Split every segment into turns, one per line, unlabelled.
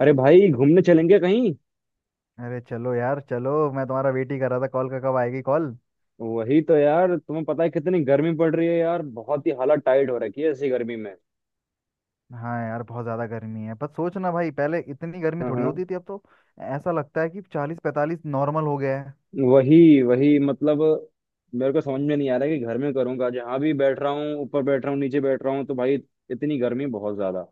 अरे भाई, घूमने चलेंगे कहीं?
अरे चलो यार, चलो। मैं तुम्हारा वेट ही कर रहा था कॉल का, कब आएगी कॉल।
वही तो यार, तुम्हें पता है कितनी गर्मी पड़ रही है यार। बहुत ही हालत टाइट हो रखी है ऐसी गर्मी में।
हाँ यार, बहुत ज़्यादा गर्मी है। पर सोच ना भाई, पहले इतनी गर्मी
हाँ
थोड़ी
हाँ।
होती थी, अब तो ऐसा लगता है कि चालीस पैंतालीस नॉर्मल हो गया है।
वही वही, मतलब। मेरे को समझ में नहीं आ रहा है कि घर में करूँगा, जहाँ भी बैठ रहा हूँ, ऊपर बैठ रहा हूँ, नीचे बैठ रहा हूँ, तो भाई इतनी गर्मी बहुत ज्यादा।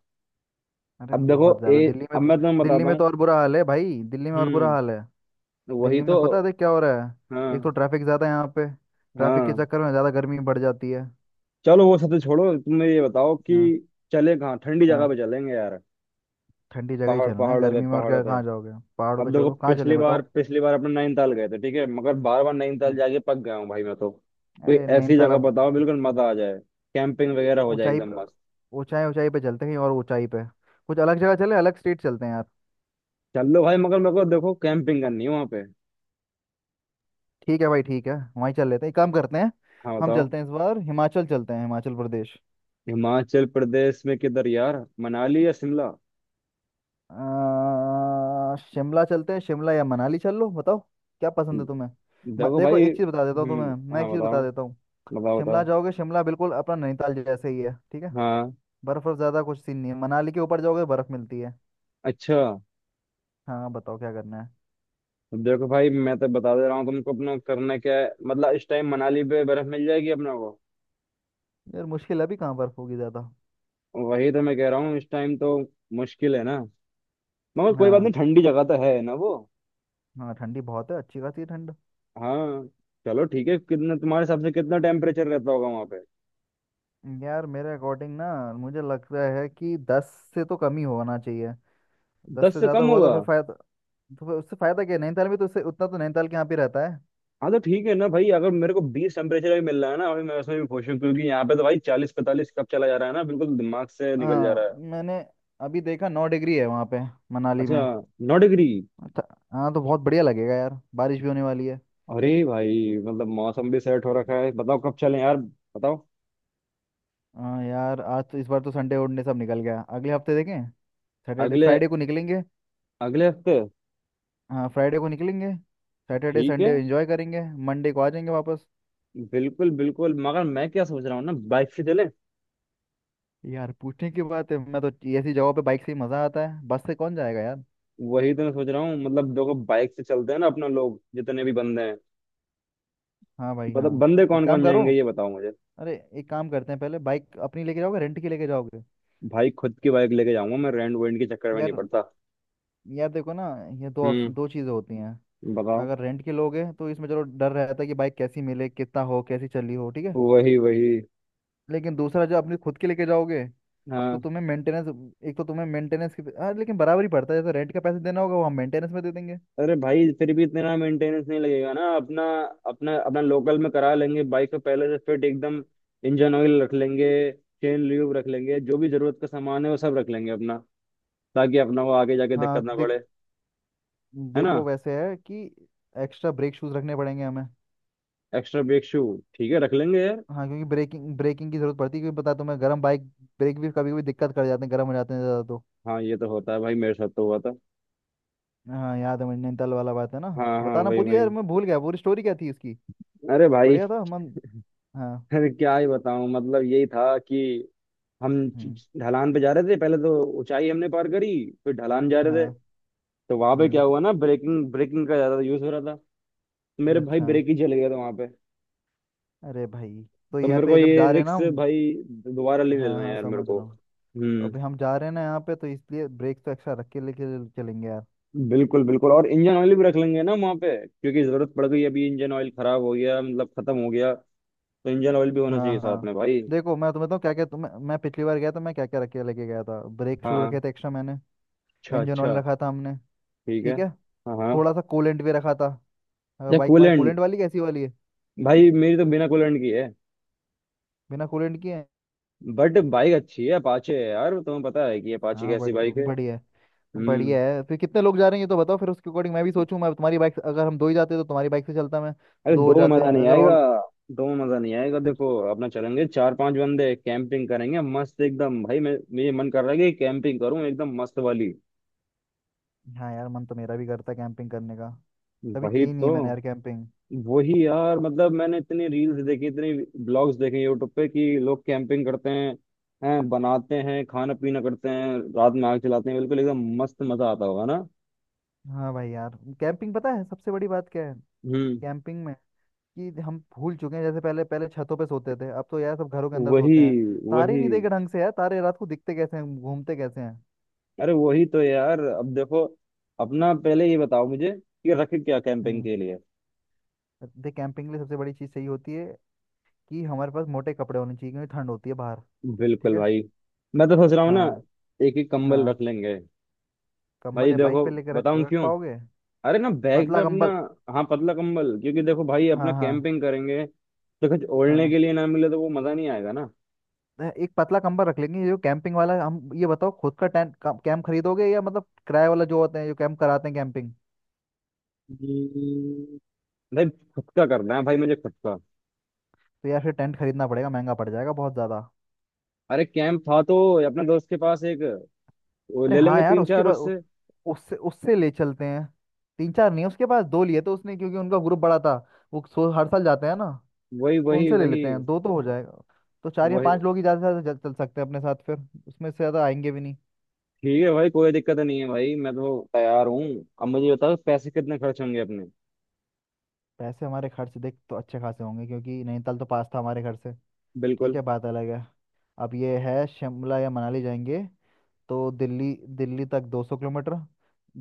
अरे
अब देखो,
बहुत
ए
ज़्यादा, दिल्ली में
अब
तो।
मैं तुम्हें
दिल्ली
बताता
में तो
हूँ।
और बुरा हाल है भाई, दिल्ली में और बुरा
हम्म।
हाल है।
वही
दिल्ली
तो।
में पता है, देख क्या हो रहा है। एक तो
हाँ
ट्रैफिक ज़्यादा है यहाँ पे। ट्रैफिक के
हाँ।
चक्कर में ज़्यादा गर्मी बढ़ जाती है।
चलो वो सब तो छोड़ो, तुम ये बताओ कि
हाँ।
चले कहाँ, ठंडी
हाँ,
जगह पे चलेंगे यार।
ठंडी जगह ही
पहाड़,
चलना है
पहाड़ों पे
गर्मी में, और
पहाड़ों
क्या।
पे।
कहाँ जाओगे। पहाड़ों पे
अब देखो,
चढ़ो, कहाँ चलें बताओ।
पिछली बार अपने नैनीताल गए थे, ठीक है, मगर बार बार नैनीताल
हम्म,
जाके पक गया हूँ भाई मैं तो। कोई
अरे
ऐसी
नैनीताल
जगह
अब।
बताओ बिल्कुल मजा आ जाए, कैंपिंग वगैरह हो जाए
ऊंचाई
एकदम
प-
मस्त।
ऊंचाई ऊंचाई पे चलते हैं कहीं और ऊंचाई पे। कुछ अलग जगह चले, अलग स्टेट चलते हैं यार।
चल लो भाई, मगर मेरे को देखो कैंपिंग करनी है वहां पे।
ठीक है भाई, ठीक है। वहीं चल लेते हैं, एक काम करते हैं।
हाँ
हम
बताओ।
चलते हैं, इस बार हिमाचल चलते हैं, हिमाचल प्रदेश।
हिमाचल प्रदेश में किधर यार, मनाली या शिमला?
शिमला चलते हैं, शिमला या मनाली चल लो बताओ। क्या पसंद है तुम्हें।
देखो
देखो
भाई।
एक चीज़ बता देता हूँ
हम्म।
तुम्हें, मैं
हाँ
एक चीज़ बता
बताओ
देता हूँ।
बताओ
शिमला
बताओ।
जाओगे, शिमला बिल्कुल अपना नैनीताल जैसे ही है, ठीक है।
हाँ।
बर्फ वर्फ ज़्यादा कुछ सीन नहीं है। मनाली के ऊपर जाओगे बर्फ मिलती है।
अच्छा।
हाँ, बताओ क्या करना है।
देखो भाई, मैं तो बता दे रहा हूँ तुमको, अपना करना क्या है मतलब, इस टाइम मनाली पे बर्फ मिल जाएगी अपने को।
यार मुश्किल है, अभी कहाँ बर्फ होगी ज़्यादा।
वही तो मैं कह रहा हूँ, इस टाइम तो मुश्किल है ना। मगर कोई बात
हाँ।
नहीं, ठंडी जगह तो है ना वो।
हाँ, ठंडी बहुत है, अच्छी खासी ठंड।
हाँ। चलो ठीक है, कितना तुम्हारे हिसाब से कितना टेम्परेचर रहता होगा वहां पे?
यार मेरे अकॉर्डिंग ना, मुझे लगता है कि दस से तो कम ही होना चाहिए। दस
10
से
से
ज़्यादा
कम
हुआ तो
होगा?
फिर फायदा, तो फिर उससे फ़ायदा क्या है? नैनीताल में तो उससे उतना तो नैनीताल के यहाँ पे रहता है।
हाँ तो ठीक है ना भाई, अगर मेरे को 20 टेम्परेचर भी मिल रहा है ना, अभी मैं उसमें भी खुश हूँ, क्योंकि यहाँ पे तो भाई 40-45 कब चला जा रहा है ना, बिल्कुल दिमाग से निकल जा रहा
हाँ,
है।
मैंने अभी देखा 9 डिग्री है वहाँ पे, मनाली
अच्छा।
में।
9 डिग्री?
अच्छा। हाँ तो बहुत बढ़िया लगेगा यार, बारिश भी होने वाली है।
अरे भाई, मतलब मौसम भी सेट हो रखा है, बताओ कब चलें यार, बताओ।
हाँ यार, आज तो, इस बार तो संडे उनडे सब निकल गया। अगले हफ्ते देखें, सैटरडे
अगले
फ्राइडे को निकलेंगे।
अगले हफ्ते?
हाँ, फ्राइडे को निकलेंगे। सैटरडे
ठीक
संडे
है,
एंजॉय करेंगे, मंडे को आ जाएंगे वापस।
बिल्कुल बिल्कुल, मगर मैं क्या सोच रहा हूँ ना, बाइक से चले।
यार पूछने की बात है, मैं तो ऐसी जगहों पे बाइक से ही मजा आता है। बस से कौन जाएगा यार।
वही तो मैं सोच रहा हूँ, मतलब देखो बाइक से चलते हैं ना अपना, लोग जितने भी बंदे।
हाँ भाई,
मतलब
हाँ।
बंदे
एक
कौन
काम
कौन
करो।
जाएंगे, ये बताओ मुझे।
अरे एक काम करते हैं, पहले बाइक अपनी लेके जाओगे, रेंट की लेके जाओगे।
भाई, खुद की बाइक लेके जाऊंगा मैं, रेंट वेंट के चक्कर में
यार
नहीं पड़ता।
यार देखो ना, ये दो
हम्म।
ऑप्शन, दो चीज़ें होती हैं।
बताओ।
अगर रेंट की लोगे तो इसमें चलो डर रहता है कि बाइक कैसी मिले, कितना हो, कैसी चली हो, ठीक है।
वही वही।
लेकिन दूसरा, जो अपनी खुद की लेके जाओगे, तो
हाँ।
तुम्हें मेंटेनेंस, एक तो तुम्हें मेंटेनेंस की, हाँ लेकिन बराबर ही पड़ता है। जैसे रेंट का पैसे देना होगा वो हम मेंटेनेंस में दे देंगे।
अरे भाई फिर भी इतना मेंटेनेंस नहीं लगेगा ना अपना। अपना लोकल में करा लेंगे बाइक को पहले से फिट एकदम। इंजन ऑयल रख लेंगे, चेन ल्यूब रख लेंगे, जो भी जरूरत का सामान है वो सब रख लेंगे अपना, ताकि अपना को आगे जाके दिक्कत
हाँ
ना
देख,
पड़े, है ना।
देखो वैसे है कि एक्स्ट्रा ब्रेक शूज रखने पड़ेंगे हमें।
Extra brake shoe? ठीक है, रख लेंगे।
हाँ, क्योंकि ब्रेकिंग ब्रेकिंग की जरूरत पड़ती है, क्योंकि पता है तुम्हें, गर्म बाइक, ब्रेक भी कभी कभी दिक्कत कर जाते हैं, गर्म हो जाते हैं ज़्यादा तो।
हाँ ये तो होता है भाई, मेरे साथ तो हुआ था।
हाँ, याद है मुझे, नैनीताल वाला बात है ना।
हाँ हाँ,
बताना
वही
पूरी
वही।
यार, मैं भूल गया पूरी स्टोरी क्या थी इसकी।
अरे भाई
बढ़िया था मन। हाँ।
फिर क्या ही बताऊं, मतलब यही था कि हम
हम्म।
ढलान पे जा रहे थे पहले तो। ऊंचाई हमने पार करी, फिर ढलान जा रहे थे।
हाँ।
तो वहां पे क्या
हम्म।
हुआ ना, ब्रेकिंग ब्रेकिंग का ज्यादा यूज हो रहा था। तो मेरे भाई
अच्छा।
ब्रेक ही चल गया था वहां पे।
अरे भाई, तो
तो
यहाँ
मेरे को
पे जब
ये
जा रहे हैं ना
रिक्स
हम।
भाई दोबारा नहीं
हाँ
लेना है
हाँ,
यार मेरे
समझ
को।
रहा हूँ। तो
हम्म।
अभी हम जा रहे हैं ना यहाँ पे, तो इसलिए ब्रेक तो एक्स्ट्रा रख के लेके चलेंगे यार।
बिल्कुल बिल्कुल, और इंजन ऑयल भी रख लेंगे ना वहां पे, क्योंकि जरूरत पड़ गई अभी इंजन ऑयल खराब हो गया, मतलब खत्म हो गया, तो इंजन ऑयल भी होना
हाँ
चाहिए साथ
हाँ।
में भाई।
देखो मैं तुम्हें तो, क्या क्या तुम्हें मैं, पिछली बार गया था मैं क्या क्या रख के लेके गया था। ब्रेक शू रखे
हाँ।
थे एक्स्ट्रा मैंने,
अच्छा
इंजन ऑयल
अच्छा।
रखा था हमने।
ठीक है।
ठीक है,
हाँ हाँ,
थोड़ा सा कूलेंट भी रखा था।
या
बाइक हमारी
कूलेंट?
कूलेंट वाली, कैसी वाली है।
भाई, मेरी तो बिना कूलेंट की।
बिना कूलेंट की है।
बट बाइक अच्छी है, अपाचे है यार, तुम्हें पता है कि अपाचे
हाँ,
कैसी
बढ़िया
बाइक है।
बढ़िया है। बढ़िया
हम्म।
है। फिर कितने लोग जा रहे हैं ये तो बताओ, फिर उसके अकॉर्डिंग मैं भी सोचूं। मैं तुम्हारी बाइक से-, अगर हम दो ही जाते तो तुम्हारी बाइक से चलता मैं।
अरे
दो हो
दो में
जाते
मजा नहीं
अगर
आएगा।
और,
दो में मजा नहीं आएगा,
फिर।
देखो अपना चलेंगे चार पांच बंदे, कैंपिंग करेंगे मस्त एकदम भाई, मैं मेरे मन कर रहा है कि कैंपिंग करूं एकदम मस्त वाली।
हाँ यार, मन तो मेरा भी करता है कैंपिंग करने का। कभी
वही
की नहीं है
तो।
मैंने यार कैंपिंग।
वही यार, मतलब मैंने इतनी रील्स देखी, इतनी ब्लॉग्स देखे यूट्यूब पे कि लोग कैंपिंग करते हैं, बनाते हैं खाना पीना करते हैं, रात में आग जलाते हैं, बिल्कुल एकदम मस्त, मजा आता होगा ना।
हाँ भाई यार, कैंपिंग पता है सबसे बड़ी बात क्या है,
हम्म।
कैंपिंग में, कि हम भूल चुके हैं। जैसे पहले पहले छतों पे सोते थे, अब तो यार सब घरों के अंदर
वही
सोते हैं। तारे
वही।
नहीं देखे ढंग से यार। तारे रात को दिखते कैसे हैं, घूमते कैसे हैं।
अरे वही तो यार, अब देखो अपना, पहले ये बताओ मुझे कि रख क्या कैंपिंग
हम्म।
के लिए।
देख कैंपिंग के लिए सबसे बड़ी चीज़ सही होती है कि हमारे पास मोटे कपड़े होने चाहिए, क्योंकि ठंड होती है बाहर। ठीक
बिल्कुल
है।
भाई। मैं तो सोच रहा हूँ ना,
हाँ।
एक ही कंबल
हाँ,
रख लेंगे।
कंबल
भाई
या
देखो,
बाइक पे लेकर रख
बताऊँ
रख
क्यों।
पाओगे।
अरे ना, बैग पे
पतला
अपना।
कंबल।
हाँ, पतला कंबल, क्योंकि देखो भाई, अपना
हाँ। हाँ।
कैंपिंग करेंगे तो कुछ ओढ़ने
हाँ।
के लिए ना मिले तो वो मजा नहीं आएगा ना।
एक पतला कंबल रख लेंगे जो कैंपिंग वाला। हम ये बताओ, खुद का टेंट कैंप खरीदोगे, या मतलब किराए वाला जो होते हैं, जो कैंप कराते हैं कैंपिंग।
हम्म। भाई, खुद का करना है भाई मुझे, खुद का।
तो यार फिर टेंट खरीदना पड़ेगा, महंगा पड़ जाएगा बहुत ज़्यादा।
अरे कैंप था तो, अपने दोस्त के पास एक, वो
अरे
ले
हाँ
लेंगे
यार,
तीन
उसके
चार
पास
उससे।
उससे उससे ले चलते हैं। तीन चार नहीं, उसके पास दो लिए थे उसने, क्योंकि उनका ग्रुप बड़ा था। वो हर साल जाते हैं ना।
वही
तो
वही
उनसे ले
वही
लेते हैं, दो तो हो जाएगा। तो चार या
वही।
पांच लोग ही ज़्यादा से ज़्यादा चल सकते हैं अपने साथ फिर। उसमें से ज़्यादा आएंगे भी नहीं।
ठीक है भाई, कोई दिक्कत नहीं है, भाई मैं तो तैयार हूँ। अब मुझे बताओ पैसे कितने खर्च होंगे अपने?
पैसे हमारे खर्च देख तो अच्छे खासे होंगे, क्योंकि नैनीताल तो पास था हमारे घर से। ठीक
बिल्कुल।
है, बात अलग है। अब ये है शिमला या मनाली जाएंगे, तो दिल्ली दिल्ली तक 200 किलोमीटर।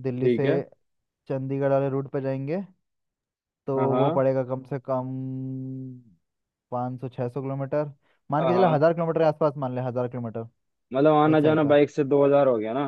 दिल्ली
ठीक
से
है।
चंडीगढ़ वाले रूट पे जाएंगे, तो
हाँ
वो
हाँ
पड़ेगा कम से कम 500 600 किलोमीटर। मान
हाँ
के चले
हाँ,
1000 किलोमीटर के आसपास, मान ले 1000 किलोमीटर
मतलब आना
एक साइड
जाना
का।
बाइक से 2,000 हो गया ना।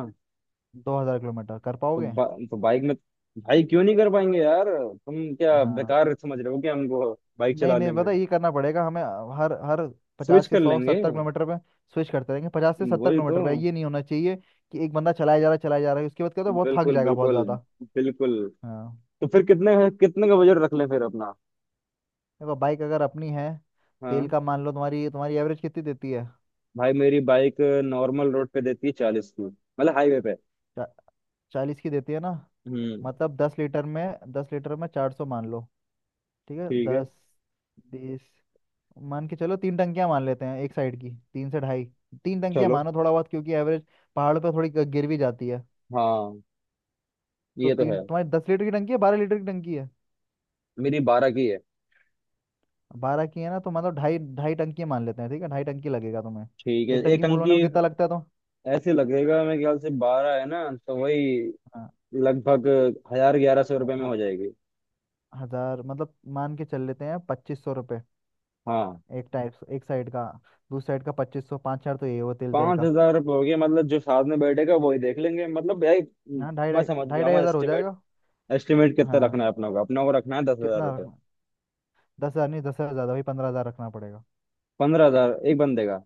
2000 किलोमीटर कर
तो,
पाओगे।
बा, तो बाइक में, भाई क्यों नहीं कर पाएंगे यार, तुम क्या
हाँ,
बेकार समझ रहे हो क्या हमको, बाइक
नहीं
चलाने
नहीं,
में?
पता ये करना पड़ेगा हमें। हर हर
स्विच
पचास से
कर
सौ
लेंगे।
सत्तर किलोमीटर पे स्विच करते रहेंगे। पचास से सत्तर
वही तो।
किलोमीटर पे, ये नहीं होना चाहिए कि एक बंदा चलाया जा रहा है, चलाया जा रहा है। उसके बाद क्या होता है, बहुत थक
बिल्कुल
जाएगा बहुत
बिल्कुल
ज़्यादा।
बिल्कुल।
हाँ,
तो फिर कितने, कितने का बजट रख लें फिर अपना?
देखो बाइक अगर अपनी है, तेल
हाँ
का, मान लो तुम्हारी तुम्हारी एवरेज कितनी देती है।
भाई, मेरी बाइक नॉर्मल रोड पे देती है 40 की, मतलब हाईवे पे।
चा, चालीस की देती है ना।
हम्म।
मतलब 10 लीटर में, 10 लीटर में 400 मान लो। ठीक है,
ठीक है।
दस, बीस, मान के चलो तीन टंकियां मान लेते हैं एक साइड की, तीन से ढाई। तीन टंकियां
चलो।
मानो थोड़ा बहुत, क्योंकि एवरेज पहाड़ पर थोड़ी गिर भी जाती है।
हाँ
तो
ये तो है,
तीन, तुम्हारी 10 लीटर की टंकी है, 12 लीटर की टंकी है।
मेरी 12 की है।
बारह की है ना, तो मतलब ढाई ढाई टंकी मान लेते हैं, ठीक है ढाई टंकी लगेगा तुम्हें।
ठीक है,
एक
एक
टंकी फुल होने
टंकी।
में कितना लगता है तो।
ऐसे लगेगा मेरे ख्याल से, 12 है ना, तो वही
हाँ।
लगभग 1,000-1,100 रुपये में
हाँ,
हो जाएगी।
हजार मतलब, मान के चल लेते हैं 2500 रुपये।
हाँ।
एक साइड का, दूसरी साइड का 2500, पाँच चार, तो ये हुआ तेल तेल
पांच
का
हजार रुपये हो गया, मतलब जो साथ में बैठेगा वही देख लेंगे, मतलब यार।
हाँ, ढाई
मैं
ढाई
समझ
ढाई
गया
ढाई
हूँ
हज़ार हो
एस्टिमेट।
जाएगा।
एस्टिमेट कितना रखना
हाँ,
है अपना को रखना है दस हजार
कितना
रुपये
रखना। 10,000 नहीं, 10,000 ज़्यादा भाई, 15,000 रखना पड़ेगा।
पंद्रह हजार एक बंदे का?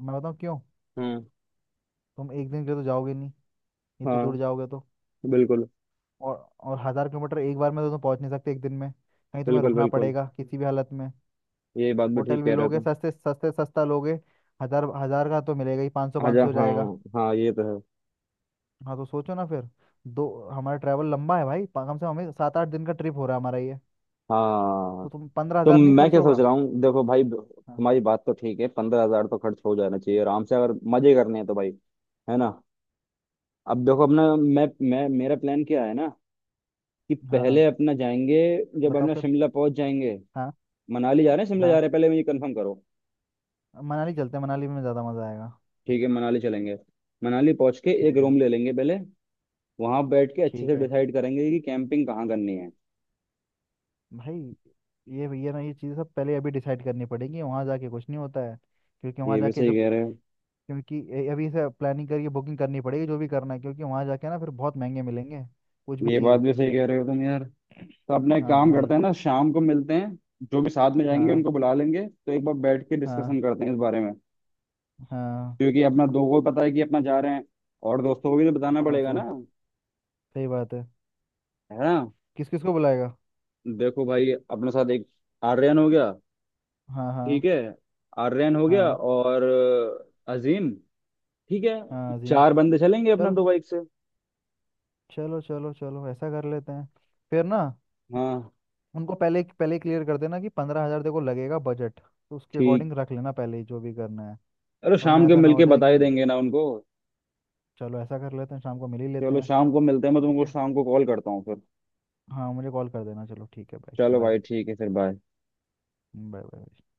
मैं बताऊँ क्यों।
हम्म।
तुम एक दिन के लिए तो जाओगे नहीं, इतनी दूर
हाँ,
जाओगे तो।
बिल्कुल
और और 1000 किलोमीटर एक बार में तो तुम पहुँच नहीं सकते एक दिन में, कहीं तुम्हें
बिल्कुल
रुकना
बिल्कुल,
पड़ेगा किसी भी हालत में।
ये बात भी ठीक
होटल भी
कह रहे हो
लोगे
तुम।
सस्ते सस्ते, सस्ता लोगे। हज़ार हज़ार का तो मिलेगा ही, पाँच
अच्छा।
सौ
हाँ
जाएगा।
हाँ, ये तो है।
हाँ तो सोचो ना फिर, दो, हमारा ट्रैवल लंबा है भाई। कम से कम हमें सात आठ दिन का ट्रिप हो रहा है हमारा ये।
हाँ
तो तुम, पंद्रह
तो
हजार नहीं
मैं
खर्च
क्या सोच
होगा।
रहा हूँ देखो भाई,
हाँ।
तुम्हारी बात तो ठीक है, 15,000 तो खर्च हो जाना चाहिए आराम से अगर मजे करने हैं तो भाई, है ना। अब देखो अपना, मैं मेरा प्लान क्या है ना, कि
हाँ। हाँ,
पहले अपना जाएंगे, जब
बताओ
अपना
फिर।
शिमला पहुंच जाएंगे।
हाँ।
मनाली जा रहे हैं शिमला जा
हाँ,
रहे हैं, पहले मुझे कंफर्म करो।
मनाली चलते हैं, मनाली में ज़्यादा मज़ा आएगा।
ठीक है, मनाली चलेंगे। मनाली पहुंच के एक
ठीक है।
रूम ले लेंगे पहले, वहां बैठ के अच्छे
ठीक
से
है
डिसाइड करेंगे कि कैंपिंग कहाँ करनी है।
भाई, ये ना, ये चीज़ सब पहले अभी डिसाइड करनी पड़ेगी, वहाँ जाके कुछ नहीं होता है। क्योंकि वहाँ
ये भी
जाके
सही
जब,
कह रहे हो
क्योंकि अभी से प्लानिंग करके बुकिंग करनी पड़ेगी, जो भी करना है, क्योंकि वहाँ जाके ना फिर बहुत महंगे मिलेंगे, कुछ भी
ये
चीज़।
बात भी सही कह रहे हो तुम यार। तो अपना एक
हाँ
काम
भाई।
करते हैं ना, शाम को मिलते हैं, जो भी साथ में जाएंगे
हाँ।
उनको बुला लेंगे, तो एक बार बैठ के डिस्कशन
हाँ।
करते हैं इस बारे में।
हाँ।
क्योंकि अपना दो को पता है कि अपना जा रहे हैं, और दोस्तों को भी तो बताना पड़ेगा
अच्छा,
ना,
सही बात है।
है ना।
किस किस को बुलाएगा।
देखो भाई अपने साथ, एक आर्यन हो गया,
हाँ। हाँ।
ठीक है। आर्यन हो गया
हाँ।
और अजीम, ठीक है।
हाँ जी।
चार बंदे चलेंगे अपना
चलो।
दो बाइक से।
चलो। चलो। चलो ऐसा कर लेते हैं फिर ना।
हाँ।
उनको पहले पहले क्लियर कर देना कि 15,000 देखो लगेगा बजट, तो उसके
ठीक।
अकॉर्डिंग रख लेना पहले ही, जो भी करना है।
अरे
वरना
शाम के
ऐसा ना हो
मिलके
जाए
बता
कि,
ही देंगे ना उनको।
चलो ऐसा कर लेते हैं, शाम को मिल ही लेते
चलो
हैं।
शाम को मिलते हैं, मैं
ठीक
तुमको
है।
शाम को कॉल करता हूँ फिर।
हाँ, मुझे कॉल कर देना, चलो ठीक है, बाय
चलो
बाय।
भाई ठीक है, फिर बाय।
Bye bye.